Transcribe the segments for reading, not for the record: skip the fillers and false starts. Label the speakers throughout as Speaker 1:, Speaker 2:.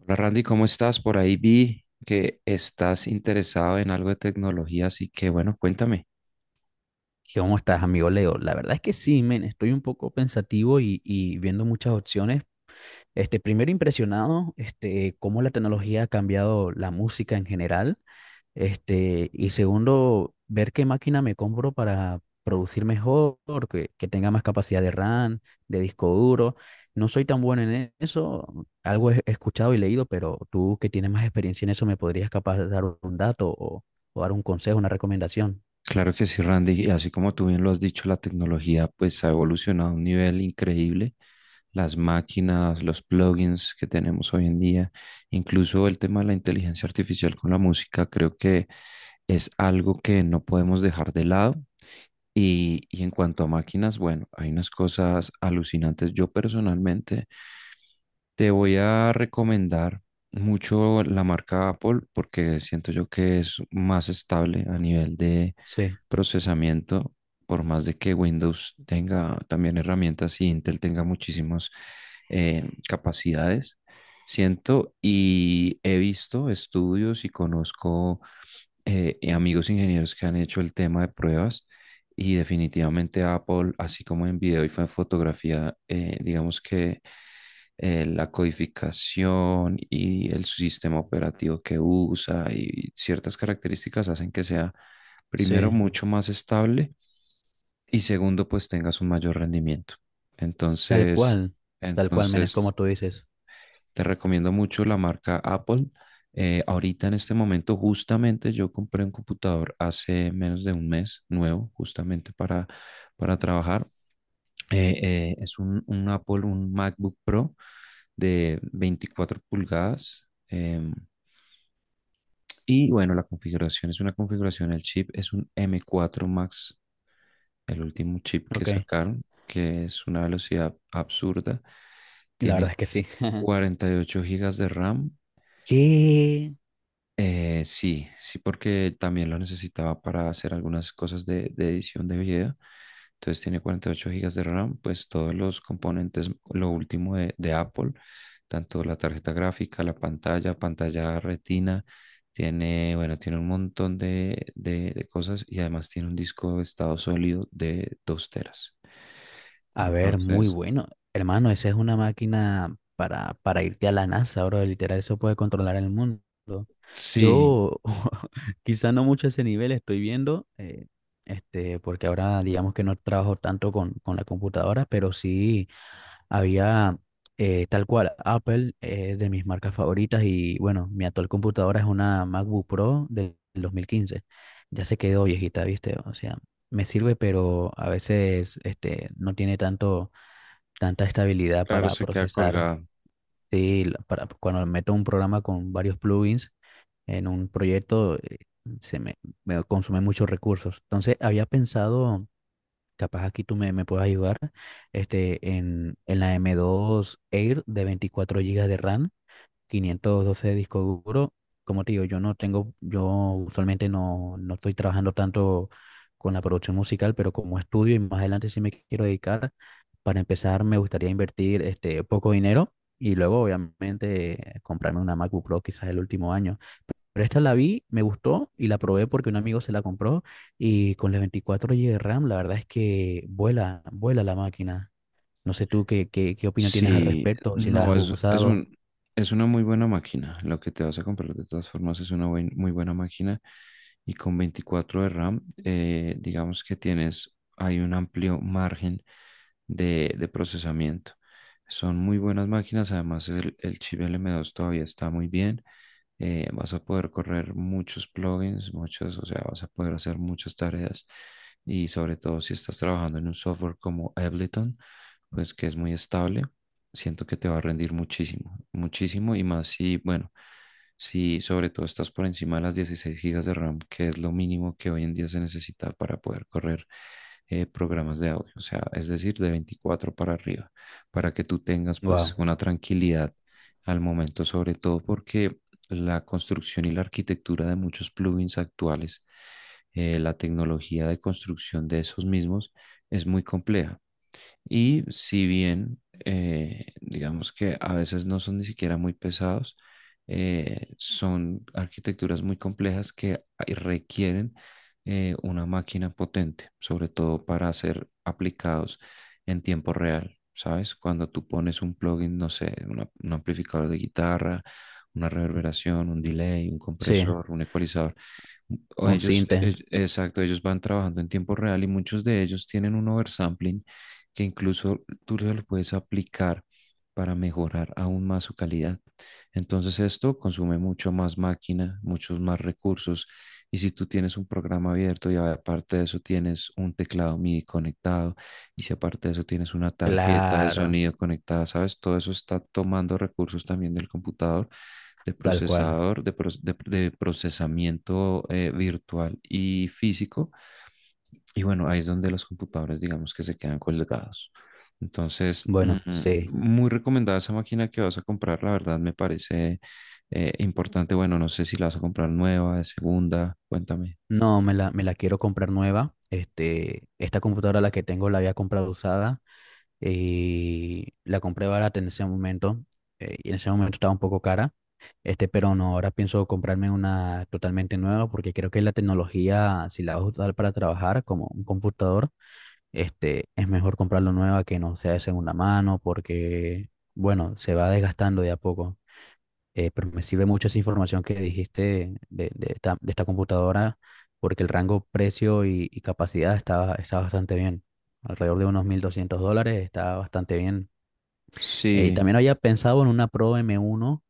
Speaker 1: Hola Randy, ¿cómo estás? Por ahí vi que estás interesado en algo de tecnología, así que bueno, cuéntame.
Speaker 2: ¿Qué ¿Cómo estás, amigo Leo? La verdad es que sí, men, estoy un poco pensativo y viendo muchas opciones. Primero impresionado, cómo la tecnología ha cambiado la música en general. Y segundo, ver qué máquina me compro para producir mejor, que tenga más capacidad de RAM, de disco duro. No soy tan bueno en eso, algo he escuchado y leído, pero tú que tienes más experiencia en eso, ¿me podrías capaz dar un dato o dar un consejo, una recomendación?
Speaker 1: Claro que sí, Randy, y así como tú bien lo has dicho, la tecnología pues ha evolucionado a un nivel increíble. Las máquinas, los plugins que tenemos hoy en día, incluso el tema de la inteligencia artificial con la música, creo que es algo que no podemos dejar de lado. Y en cuanto a máquinas, bueno, hay unas cosas alucinantes. Yo personalmente te voy a recomendar mucho la marca Apple porque siento yo que es más estable a nivel de
Speaker 2: Sí,
Speaker 1: procesamiento, por más de que Windows tenga también herramientas y Intel tenga muchísimas capacidades. Siento y he visto estudios y conozco amigos ingenieros que han hecho el tema de pruebas y definitivamente Apple, así como en video y fotografía, digamos que la codificación y el sistema operativo que usa y ciertas características hacen que sea, primero,
Speaker 2: sí.
Speaker 1: mucho más estable y segundo, pues tengas un mayor rendimiento.
Speaker 2: Tal
Speaker 1: Entonces,
Speaker 2: cual, tal cual, men, es como
Speaker 1: entonces
Speaker 2: tú dices.
Speaker 1: te recomiendo mucho la marca Apple. Ahorita en este momento, justamente yo compré un computador hace menos de un mes nuevo, justamente para trabajar es un Apple, un MacBook Pro de 24 pulgadas. Y bueno, la configuración es una configuración, el chip es un M4 Max, el último chip que
Speaker 2: Ok,
Speaker 1: sacaron, que es una velocidad absurda.
Speaker 2: la
Speaker 1: Tiene
Speaker 2: verdad es que sí.
Speaker 1: 48 gigas de RAM.
Speaker 2: Que,
Speaker 1: Sí, sí, porque también lo necesitaba para hacer algunas cosas de edición de video. Entonces tiene 48 gigas de RAM, pues todos los componentes, lo último de Apple, tanto la tarjeta gráfica, la pantalla, pantalla retina, bueno, tiene un montón de, de cosas y además tiene un disco de estado sólido de 2 teras.
Speaker 2: a ver, muy
Speaker 1: Entonces,
Speaker 2: bueno. Hermano, esa es una máquina para irte a la NASA, bro. Literal, eso puede controlar el mundo.
Speaker 1: sí,
Speaker 2: Yo, quizá no mucho a ese nivel estoy viendo, porque ahora digamos que no trabajo tanto con la computadora, pero sí. Había tal cual Apple, de mis marcas favoritas y bueno, mi actual computadora es una MacBook Pro del 2015. Ya se quedó viejita, ¿viste? O sea, me sirve, pero a veces no tiene tanto, tanta estabilidad
Speaker 1: claro,
Speaker 2: para
Speaker 1: se queda
Speaker 2: procesar.
Speaker 1: colgado.
Speaker 2: Sí, la- para, cuando meto un programa con varios plugins en un proyecto, se me, me consume muchos recursos. Entonces, había pensado. Capaz aquí tú me puedes ayudar. En la M2 Air de 24 GB de RAM, 512 de disco duro. Como te digo, yo no tengo, yo usualmente no estoy trabajando tanto con la producción musical, pero como estudio y más adelante sí me quiero dedicar, para empezar me gustaría invertir poco dinero y luego obviamente comprarme una MacBook Pro quizás el último año. Pero esta la vi, me gustó y la probé porque un amigo se la compró y con las 24 GB de RAM, la verdad es que vuela, vuela la máquina. No sé tú qué opinión tienes al
Speaker 1: Sí,
Speaker 2: respecto, si la has
Speaker 1: no,
Speaker 2: usado.
Speaker 1: es una muy buena máquina. Lo que te vas a comprar de todas formas es una muy buena máquina. Y con 24 de RAM, digamos que tienes, hay un amplio margen de procesamiento. Son muy buenas máquinas. Además, el chip L m 2 todavía está muy bien. Vas a poder correr muchos plugins, o sea, vas a poder hacer muchas tareas. Y sobre todo si estás trabajando en un software como Ableton pues que es muy estable, siento que te va a rendir muchísimo, muchísimo y más bueno, si sobre todo estás por encima de las 16 gigas de RAM, que es lo mínimo que hoy en día se necesita para poder correr programas de audio, o sea, es decir, de 24 para arriba, para que tú tengas pues
Speaker 2: Wow,
Speaker 1: una tranquilidad al momento, sobre todo porque la construcción y la arquitectura de muchos plugins actuales, la tecnología de construcción de esos mismos es muy compleja. Y si bien, digamos que a veces no son ni siquiera muy pesados, son arquitecturas muy complejas que requieren una máquina potente, sobre todo para ser aplicados en tiempo real, ¿sabes? Cuando tú pones un plugin, no sé, un amplificador de guitarra, una reverberación, un delay, un
Speaker 2: sí,
Speaker 1: compresor, un ecualizador, o
Speaker 2: un
Speaker 1: ellos, e-
Speaker 2: Sinte,
Speaker 1: exacto, ellos van trabajando en tiempo real y muchos de ellos tienen un oversampling que incluso tú lo puedes aplicar para mejorar aún más su calidad. Entonces esto consume mucho más máquina, muchos más recursos. Y si tú tienes un programa abierto y aparte de eso tienes un teclado MIDI conectado y si aparte de eso tienes una tarjeta de
Speaker 2: claro,
Speaker 1: sonido conectada, ¿sabes? Todo eso está tomando recursos también del computador, de
Speaker 2: tal cual.
Speaker 1: procesador, de, de procesamiento virtual y físico y bueno, ahí es donde los computadores, digamos que se quedan colgados. Entonces,
Speaker 2: Bueno, sí.
Speaker 1: muy recomendada esa máquina que vas a comprar, la verdad me parece importante. Bueno, no sé si la vas a comprar nueva, de segunda, cuéntame.
Speaker 2: No, me la quiero comprar nueva. Este, esta computadora la que tengo la había comprado usada y la compré barata en ese momento, y en ese momento estaba un poco cara. Pero no, ahora pienso comprarme una totalmente nueva porque creo que la tecnología, si la vas a usar para trabajar como un computador, es mejor comprarlo nueva que no sea de segunda mano porque, bueno, se va desgastando de a poco. Pero me sirve mucho esa información que dijiste de esta computadora porque el rango precio y capacidad está, está bastante bien. Alrededor de unos $1,200 está bastante bien.
Speaker 1: Sí,
Speaker 2: También había pensado en una Pro M1,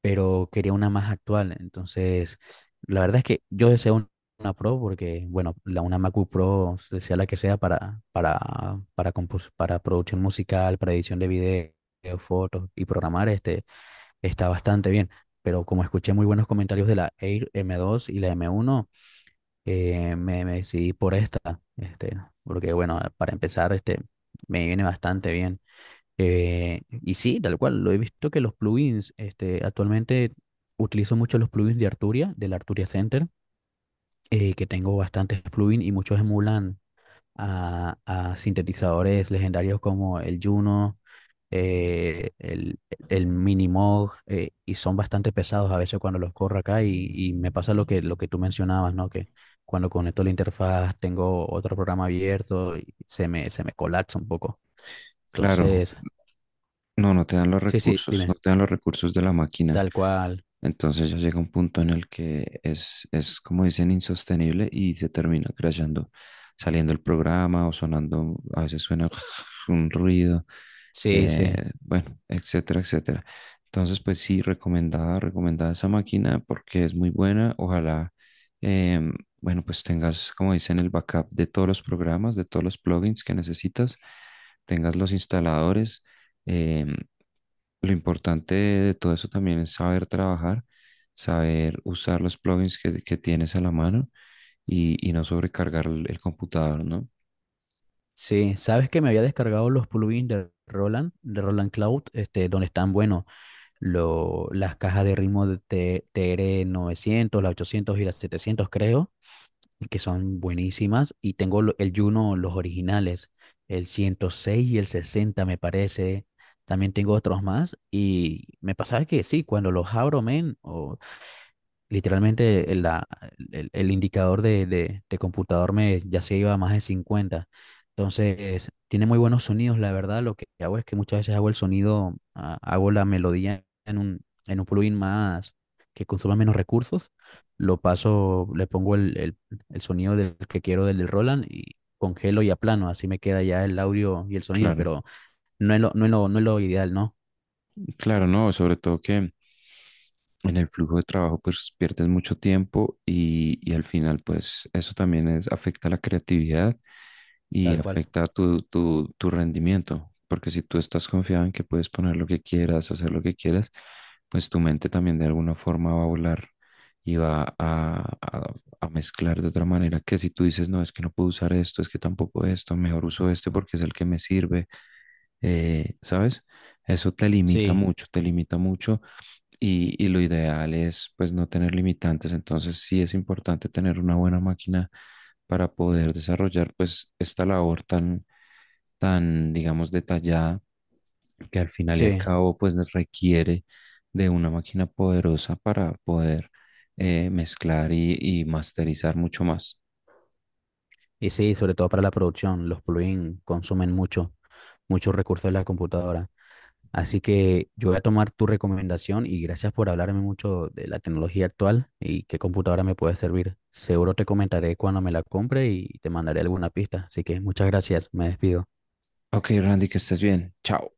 Speaker 2: pero quería una más actual. Entonces, la verdad es que yo deseo un- una Pro porque, bueno, la, una MacBook Pro, se- sea la que sea, para compos- para producción musical, para edición de video, fotos y programar, está bastante bien. Pero como escuché muy buenos comentarios de la Air M2 y la M1, me decidí por esta, este, porque, bueno, para empezar, me viene bastante bien. Y sí, tal cual, lo he visto que los plugins, actualmente utilizo mucho los plugins de Arturia, del Arturia Center, que tengo bastantes plugins y muchos emulan a sintetizadores legendarios como el Juno, eh, el, el Minimog, y son bastante pesados a veces cuando los corro acá y me pasa lo que tú mencionabas, ¿no? Que cuando conecto la interfaz tengo otro programa abierto y se me colapsa un poco.
Speaker 1: claro.
Speaker 2: Entonces,
Speaker 1: No, no te dan los
Speaker 2: sí, sí,
Speaker 1: recursos, no
Speaker 2: dime,
Speaker 1: te dan los recursos de la máquina.
Speaker 2: tal cual.
Speaker 1: Entonces ya llega un punto en el que es como dicen, insostenible y se termina crashando, saliendo el programa o sonando, a veces suena un ruido,
Speaker 2: Sí, sí,
Speaker 1: bueno, etcétera, etcétera. Entonces, pues sí, recomendada, recomendada esa máquina porque es muy buena. Ojalá, em, bueno, pues tengas, como dicen, el backup de todos los programas, de todos los plugins que necesitas, tengas los instaladores. Em, lo importante de todo eso también es saber trabajar, saber usar los plugins que tienes a la mano y no sobrecargar el computador, ¿no?
Speaker 2: sí. Sabes que me había descargado los plugins de Roland Cloud, este, donde están, bueno, lo- las cajas de ritmo de T- TR900, las 800 y las 700, creo, que son buenísimas. Y tengo lo- el Juno, los originales, el 106 y el 60, me parece. También tengo otros más. Y me pasaba que sí, cuando los abro, men, literalmente el, la- el indicador de computador me ya se iba a más de 50. Entonces, tiene muy buenos sonidos, la verdad. Lo que hago es que muchas veces hago el sonido, ah, hago la melodía en un plugin más que consuma menos recursos. Lo paso, le pongo el sonido del que quiero del, del Roland y congelo y aplano. Así me queda ya el audio y el sonido,
Speaker 1: Claro,
Speaker 2: pero no es lo ideal, ¿no?
Speaker 1: claro, no, sobre todo que en el flujo de trabajo pues pierdes mucho tiempo y al final pues eso también es, afecta la creatividad y
Speaker 2: Tal cual.
Speaker 1: afecta tu rendimiento, porque si tú estás confiado en que puedes poner lo que quieras, hacer lo que quieras, pues tu mente también de alguna forma va a volar y va a mezclar de otra manera que si tú dices, no, es que no puedo usar esto, es que tampoco esto, mejor uso este porque es el que me sirve, ¿sabes? Eso
Speaker 2: Sí,
Speaker 1: te limita mucho y lo ideal es pues no tener limitantes, entonces sí es importante tener una buena máquina para poder desarrollar pues esta labor tan digamos detallada que al final y al
Speaker 2: sí.
Speaker 1: cabo pues nos requiere de una máquina poderosa para poder mezclar y masterizar mucho más.
Speaker 2: Y sí, sobre todo para la producción, los plugins consumen mucho, muchos recursos de la computadora. Así que yo voy a tomar tu recomendación y gracias por hablarme mucho de la tecnología actual y qué computadora me puede servir. Seguro te comentaré cuando me la compre y te mandaré alguna pista. Así que muchas gracias, me despido.
Speaker 1: Ok, Randy, que estés bien. Chao.